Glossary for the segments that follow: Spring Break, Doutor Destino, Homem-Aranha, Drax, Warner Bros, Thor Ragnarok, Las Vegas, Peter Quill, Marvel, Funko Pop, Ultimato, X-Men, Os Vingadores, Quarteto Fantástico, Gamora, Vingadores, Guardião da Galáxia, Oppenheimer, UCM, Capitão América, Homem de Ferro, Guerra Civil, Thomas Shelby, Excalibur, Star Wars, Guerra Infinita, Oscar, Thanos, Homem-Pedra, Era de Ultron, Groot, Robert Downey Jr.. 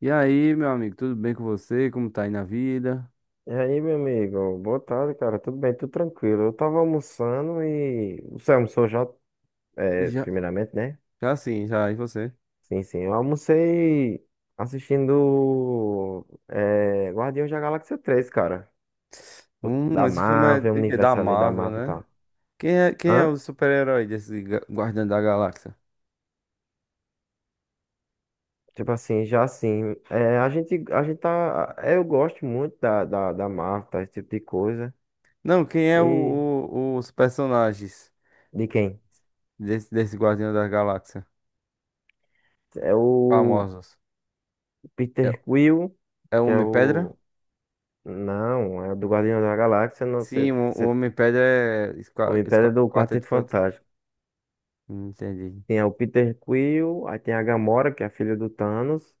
E aí, meu amigo, tudo bem com você? Como tá aí na vida? E aí, meu amigo? Boa tarde, cara. Tudo bem? Tudo tranquilo. Eu tava almoçando. Você almoçou já, E já, primeiramente, né? já sim, já, e você? Sim, sim. Eu almocei assistindo Guardiões da Galáxia três, cara. Da Esse filme é Marvel, o de quê? Da universo ali da Marvel, Marvel e né? tal. Quem é Hã? o super-herói desse Guardião da Galáxia? Tipo assim, já assim. A gente tá. Eu gosto muito da Marvel, tá? Esse tipo de coisa. Não, quem é E... os personagens De quem? desse Guardião da Galáxia? É o Famosos. É, Peter Quill, é o que é Homem-Pedra? o. Não, é o do Guardião da Galáxia, não, você, Sim, o você, Homem-Pedra é Homem-Pedra é do Quarteto Quarteto Fantástico. Fantástico. Entendi. Tem o Peter Quill, aí tem a Gamora, que é a filha do Thanos,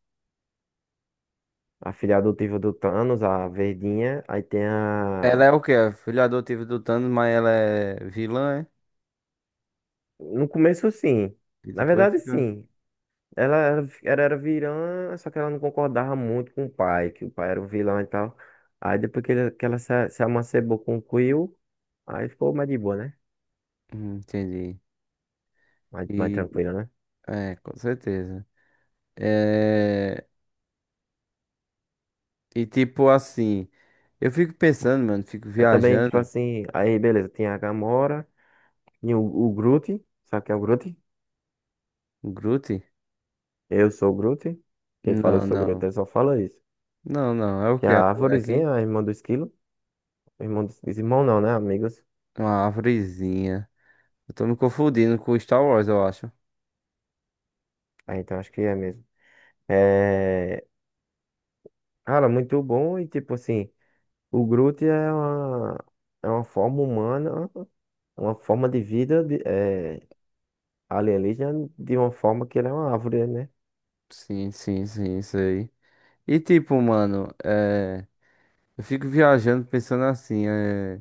a filha adotiva do Thanos, a verdinha, aí tem Ela a. é o quê? É filha adotiva do Thanos, mas ela é vilã, é? No começo, sim. E Na depois verdade, fica. sim. Ela era vilã, só que ela não concordava muito com o pai, que o pai era o vilão e tal. Aí depois que ela se amancebou com o Quill, aí ficou mais de boa, né? Entendi. Mais E tranquila, né? Com certeza. É, e tipo assim, eu fico pensando, mano, fico Aí também, tipo viajando. assim, aí beleza, tem a Gamora. E o Groot, sabe quem é o Groot? Um Groot? Eu sou o Groot. Quem fala eu Não, sou o Groot, não. ele só fala isso. Não, não. É o Que que? É um a bonequinho? arvorezinha, a irmã do esquilo. Irmão não, né? Amigos. É uma árvorezinha. Eu tô me confundindo com Star Wars, eu acho. Ah, então acho que é mesmo. É... Cara, muito bom. E tipo assim, o Groot é uma forma humana, uma forma de vida de, alienígena de uma forma que ele é uma árvore, né? Sim, sim, sim, isso aí. E tipo, mano, eu fico viajando pensando assim,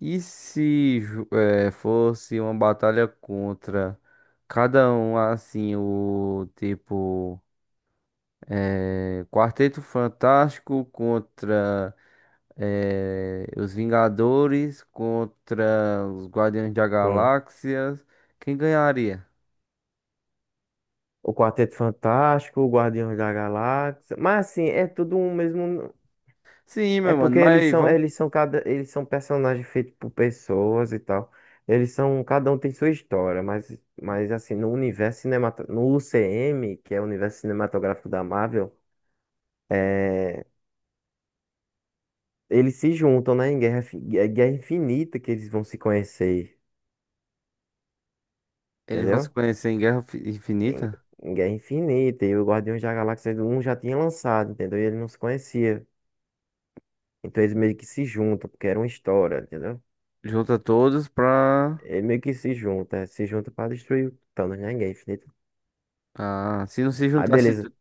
e se fosse uma batalha contra cada um assim, o tipo. É, Quarteto Fantástico contra os Vingadores, contra os Guardiões da Sim. Galáxia. Quem ganharia? O Quarteto Fantástico, o Guardiões da Galáxia. Mas assim, é tudo um mesmo. Sim, É meu mano, porque eles mas são, vamos. eles são cada, eles são personagens feitos por pessoas e tal. Eles são, cada um tem sua história, mas assim, no universo cinematográfico, no UCM, que é o universo cinematográfico da Marvel, é, eles se juntam, né, em Guerra, Fi- é Guerra Infinita que eles vão se conhecer, Eles vão se entendeu? conhecer em Guerra Em, Infinita? em Guerra Infinita, e o Guardiões da Galáxia um já tinha lançado, entendeu? E ele não se conhecia. Então eles meio que se juntam, porque era uma história, entendeu? Junta todos pra. Ele meio que se junta pra destruir o Thanos, né? Ninguém. Ah, se não se Aí juntasse. beleza.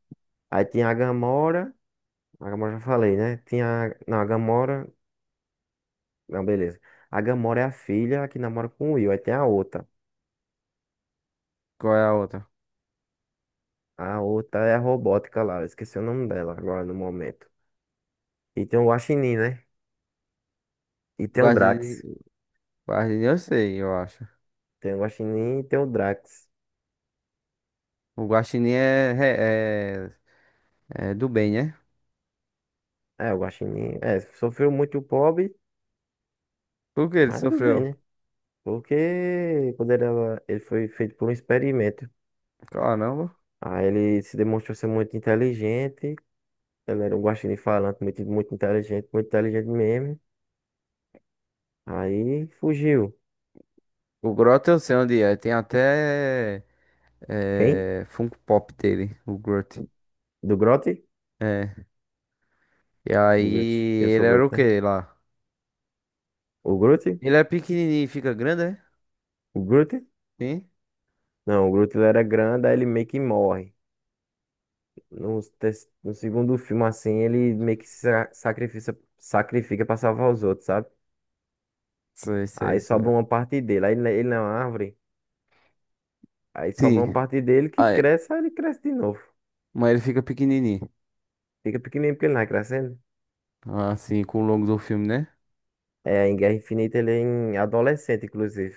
Aí tinha a Gamora. A Gamora já falei, né? Tinha. Não, a Gamora. Não, beleza. A Gamora é a filha que namora com o Will. Aí tem a outra. Qual é a outra? A outra é a robótica lá. Eu esqueci o nome dela agora no momento. E tem o Guaxinim, né? E O tem o Guardião, Drax. eu sei, eu acho. Tem o Guaxinim e tem o Drax. O Guaxinim é do bem, né? É, o Guaxinim. É, sofreu muito o pobre, Por que ele mas tudo bem, sofreu? né? Porque quando ele foi feito por um experimento. Caramba. Aí ele se demonstrou ser muito inteligente. Ele era um guaxinim falante, muito, muito inteligente mesmo. Aí fugiu. O Grota eu sei onde é. Tem até. Quem? Funko Pop dele, o Groot. Do Grote? É. E aí, Do Grote. Eu sou ele o era Grote, o né? que lá? O Grote? Ele é pequenininho e fica grande, é? O Grote? Sim? Não, o Grote ele era grande, aí ele meio que morre. No segundo filme, assim, ele meio que sacrifica pra salvar os outros, sabe? Sei, sei, Aí sobra sei. uma parte dele. Aí ele na árvore, aí sobra uma Sim. parte dele que Ah, é. cresce, aí ele cresce de novo. Mas ele fica pequenininho. Fica pequenininho porque ele não vai crescendo. Assim, com o longo do filme, né? É, em Guerra Infinita ele é em adolescente, inclusive.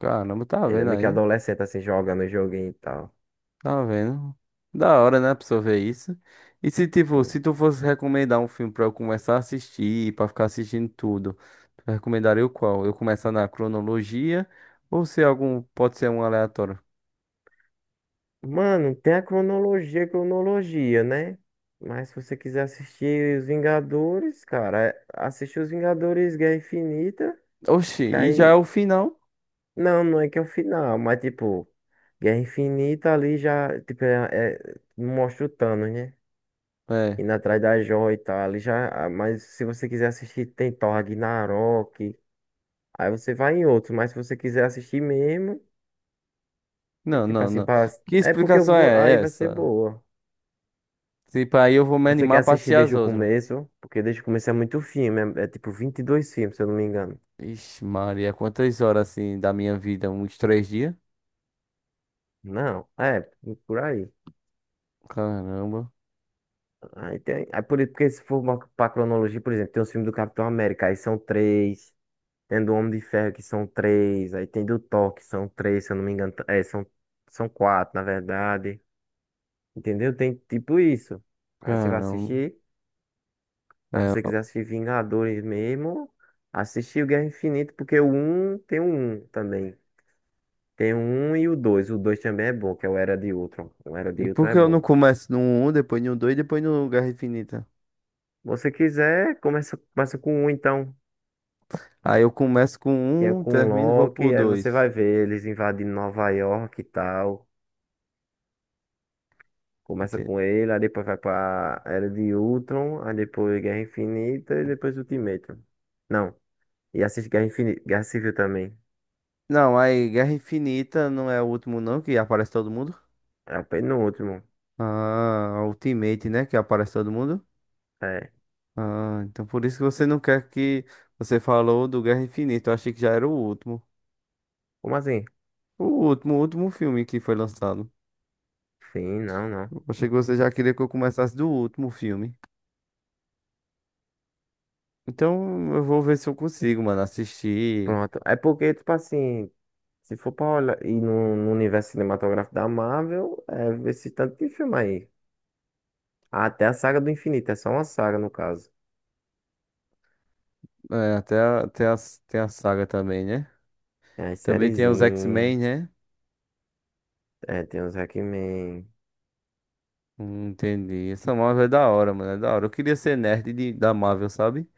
Caramba, tá Ele é vendo meio que aí? adolescente, assim, jogando o joguinho e tal. Tá vendo? Da hora, né, pra pessoa ver isso. E se, tipo, se tu fosse recomendar um filme pra eu começar a assistir, pra ficar assistindo tudo, tu recomendaria o qual? Eu começar na cronologia ou se algum, pode ser um aleatório? Mano, tem a cronologia, cronologia, né? Mas se você quiser assistir Os Vingadores, cara, assiste Os Vingadores Guerra Infinita, Oxi, que e já é aí. o final? Não, não é que é o final, mas tipo, Guerra Infinita ali já, tipo, mostra o Thanos, né? É. Indo atrás da joia e tal, ali já. Ah, mas se você quiser assistir, tem Thor Ragnarok. Aí você vai em outros, mas se você quiser assistir mesmo. Não, Tipo não, assim, não. pra. Que é porque eu explicação dou- aí é vai ser essa? boa. Tipo, aí eu vou me Você quer animar pra assistir assistir as desde o outras. começo? Porque desde o começo é muito filme, tipo 22 filmes, se eu não me engano. Ixi, Maria, quantas horas assim da minha vida? Uns três dias? Não, é, por aí. Caramba, Porque se for uma, pra cronologia, por exemplo, tem os filmes do Capitão América, aí são três. Tem do Homem de Ferro, que são três. Aí tem do Thor, que são três, se eu não me engano. São quatro, na verdade. Entendeu? Tem tipo isso. Aí você vai caramba. assistir. Aí É, se você quiser ó. assistir Vingadores mesmo, assistir o Guerra Infinita, porque o um tem o 1 também. Tem o 1 e o dois. O 2 também é bom, que é o Era de Ultron. O Era E de Ultron por é que eu não bom. Se começo no um depois no 2, depois no Guerra Infinita? você quiser, começa com o então, Aí eu começo com que é um, com o termino e vou pro Loki, aí você 2. vai ver eles invadindo Nova York e tal. Começa Ente- com ele, aí depois vai pra Era de Ultron, aí depois Guerra Infinita e depois Ultimato. Não, e assiste Guerra Infinita, Guerra Civil também. Não, aí Guerra Infinita não é o último não, que aparece todo mundo. É o penúltimo. Ah, Ultimate, né? Que aparece todo mundo. É. Ah, então por isso que você não quer que você falou do Guerra Infinita. Eu achei que já era o último. Como assim? O último filme que foi lançado. Sim, não, não. Eu achei que você já queria que eu começasse do último filme. Então eu vou ver se eu consigo, mano, assistir. Pronto. É porque, tipo assim, se for pra olhar e no universo cinematográfico da Marvel, é esse tanto de filme aí. Ah, até a saga do infinito, é só uma saga no caso. É, até, tem a saga também, né? Tem as Também tem os sériezinhas, X-Men, né? Tem os Hackman, entendi. Essa Marvel é da hora, mano. É da hora. Eu queria ser nerd da Marvel, sabe?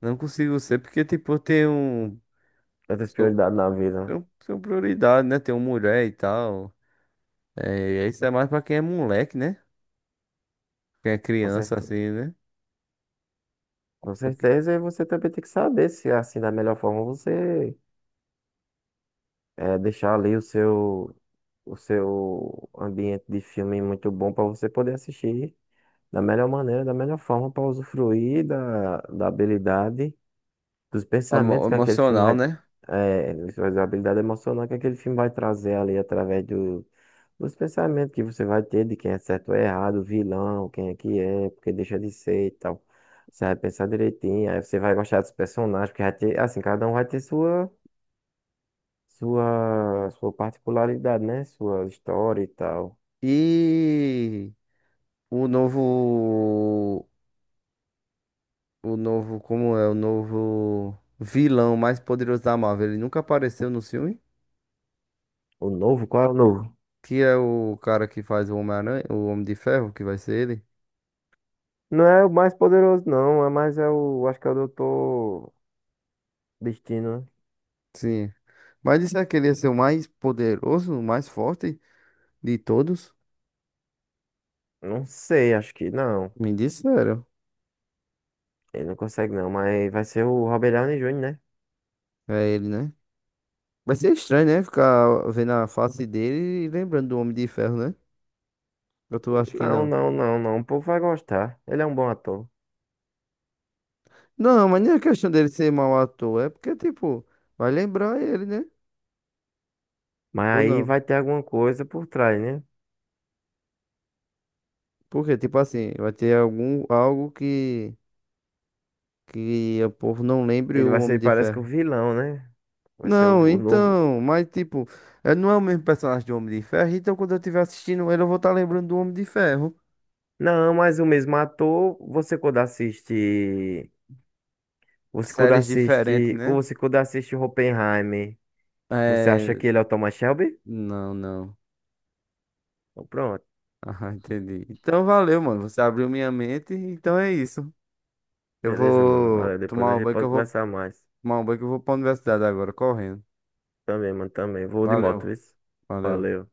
Não consigo ser, porque, tipo, eu tenho. Um, outras sou, prioridades na vida, né? tenho, prioridade, né? Tenho mulher e tal. É, isso é mais pra quem é moleque, né? Quem é Com criança, certeza. assim, né? Com Porque- certeza, e você também tem que saber se, assim, da melhor forma você deixar ali o seu ambiente de filme muito bom pra você poder assistir. Da melhor maneira, da melhor forma para usufruir da habilidade, dos pensamentos que aquele filme Emocional, vai, né? é, da habilidade emocional que aquele filme vai trazer ali através do, dos pensamentos que você vai ter de quem é certo ou errado, vilão, quem é que é, porque deixa de ser e tal. Você vai pensar direitinho, aí você vai gostar dos personagens, porque vai ter, assim, cada um vai ter sua particularidade, né? Sua história e tal. E o novo. O novo. Como é? O novo vilão mais poderoso da Marvel. Ele nunca apareceu no filme. O novo, qual é o novo? Que é o cara que faz o Homem-Aranha, o Homem de Ferro, que vai ser ele. Não é o mais poderoso, não. É mais é o. Acho que é o Doutor Destino, né? Sim. Mas disseram que ele ia ser o mais poderoso, o mais forte de todos. Não sei, acho que não. Me disseram. Ele não consegue, não. Mas vai ser o Robert Downey Jr., né? É ele, né? Vai ser estranho, né? Ficar vendo a face dele e lembrando do Homem de Ferro, né? Eu tô, acho que Não, não. não, não, não. O povo vai gostar. Ele é um bom ator. Não, mas nem é questão dele ser mau ator. É porque, tipo, vai lembrar ele, né? Mas Ou aí não? vai ter alguma coisa por trás, né? Porque, tipo assim, vai ter algum, algo que o povo não lembre Ele o vai Homem ser, de parece que o Ferro. vilão, né? Vai ser o, Não, o novo. então, mas, tipo, ele não é o mesmo personagem do Homem de Ferro. Então, quando eu estiver assistindo ele, eu vou estar lembrando do Homem de Ferro. Não, mas o mesmo ator, você quando assiste. Séries diferentes, né? Oppenheimer, você acha É. que ele é o Thomas Shelby? Não, não. Então, pronto. Ah, entendi. Então valeu, mano. Você abriu minha mente, então é isso. Eu Beleza, mano. vou Valeu. Depois a gente pode conversar mais. tomar um banho que eu vou pra universidade agora, correndo. Também, mano. Também. Vou de Valeu, moto, isso. valeu. Valeu.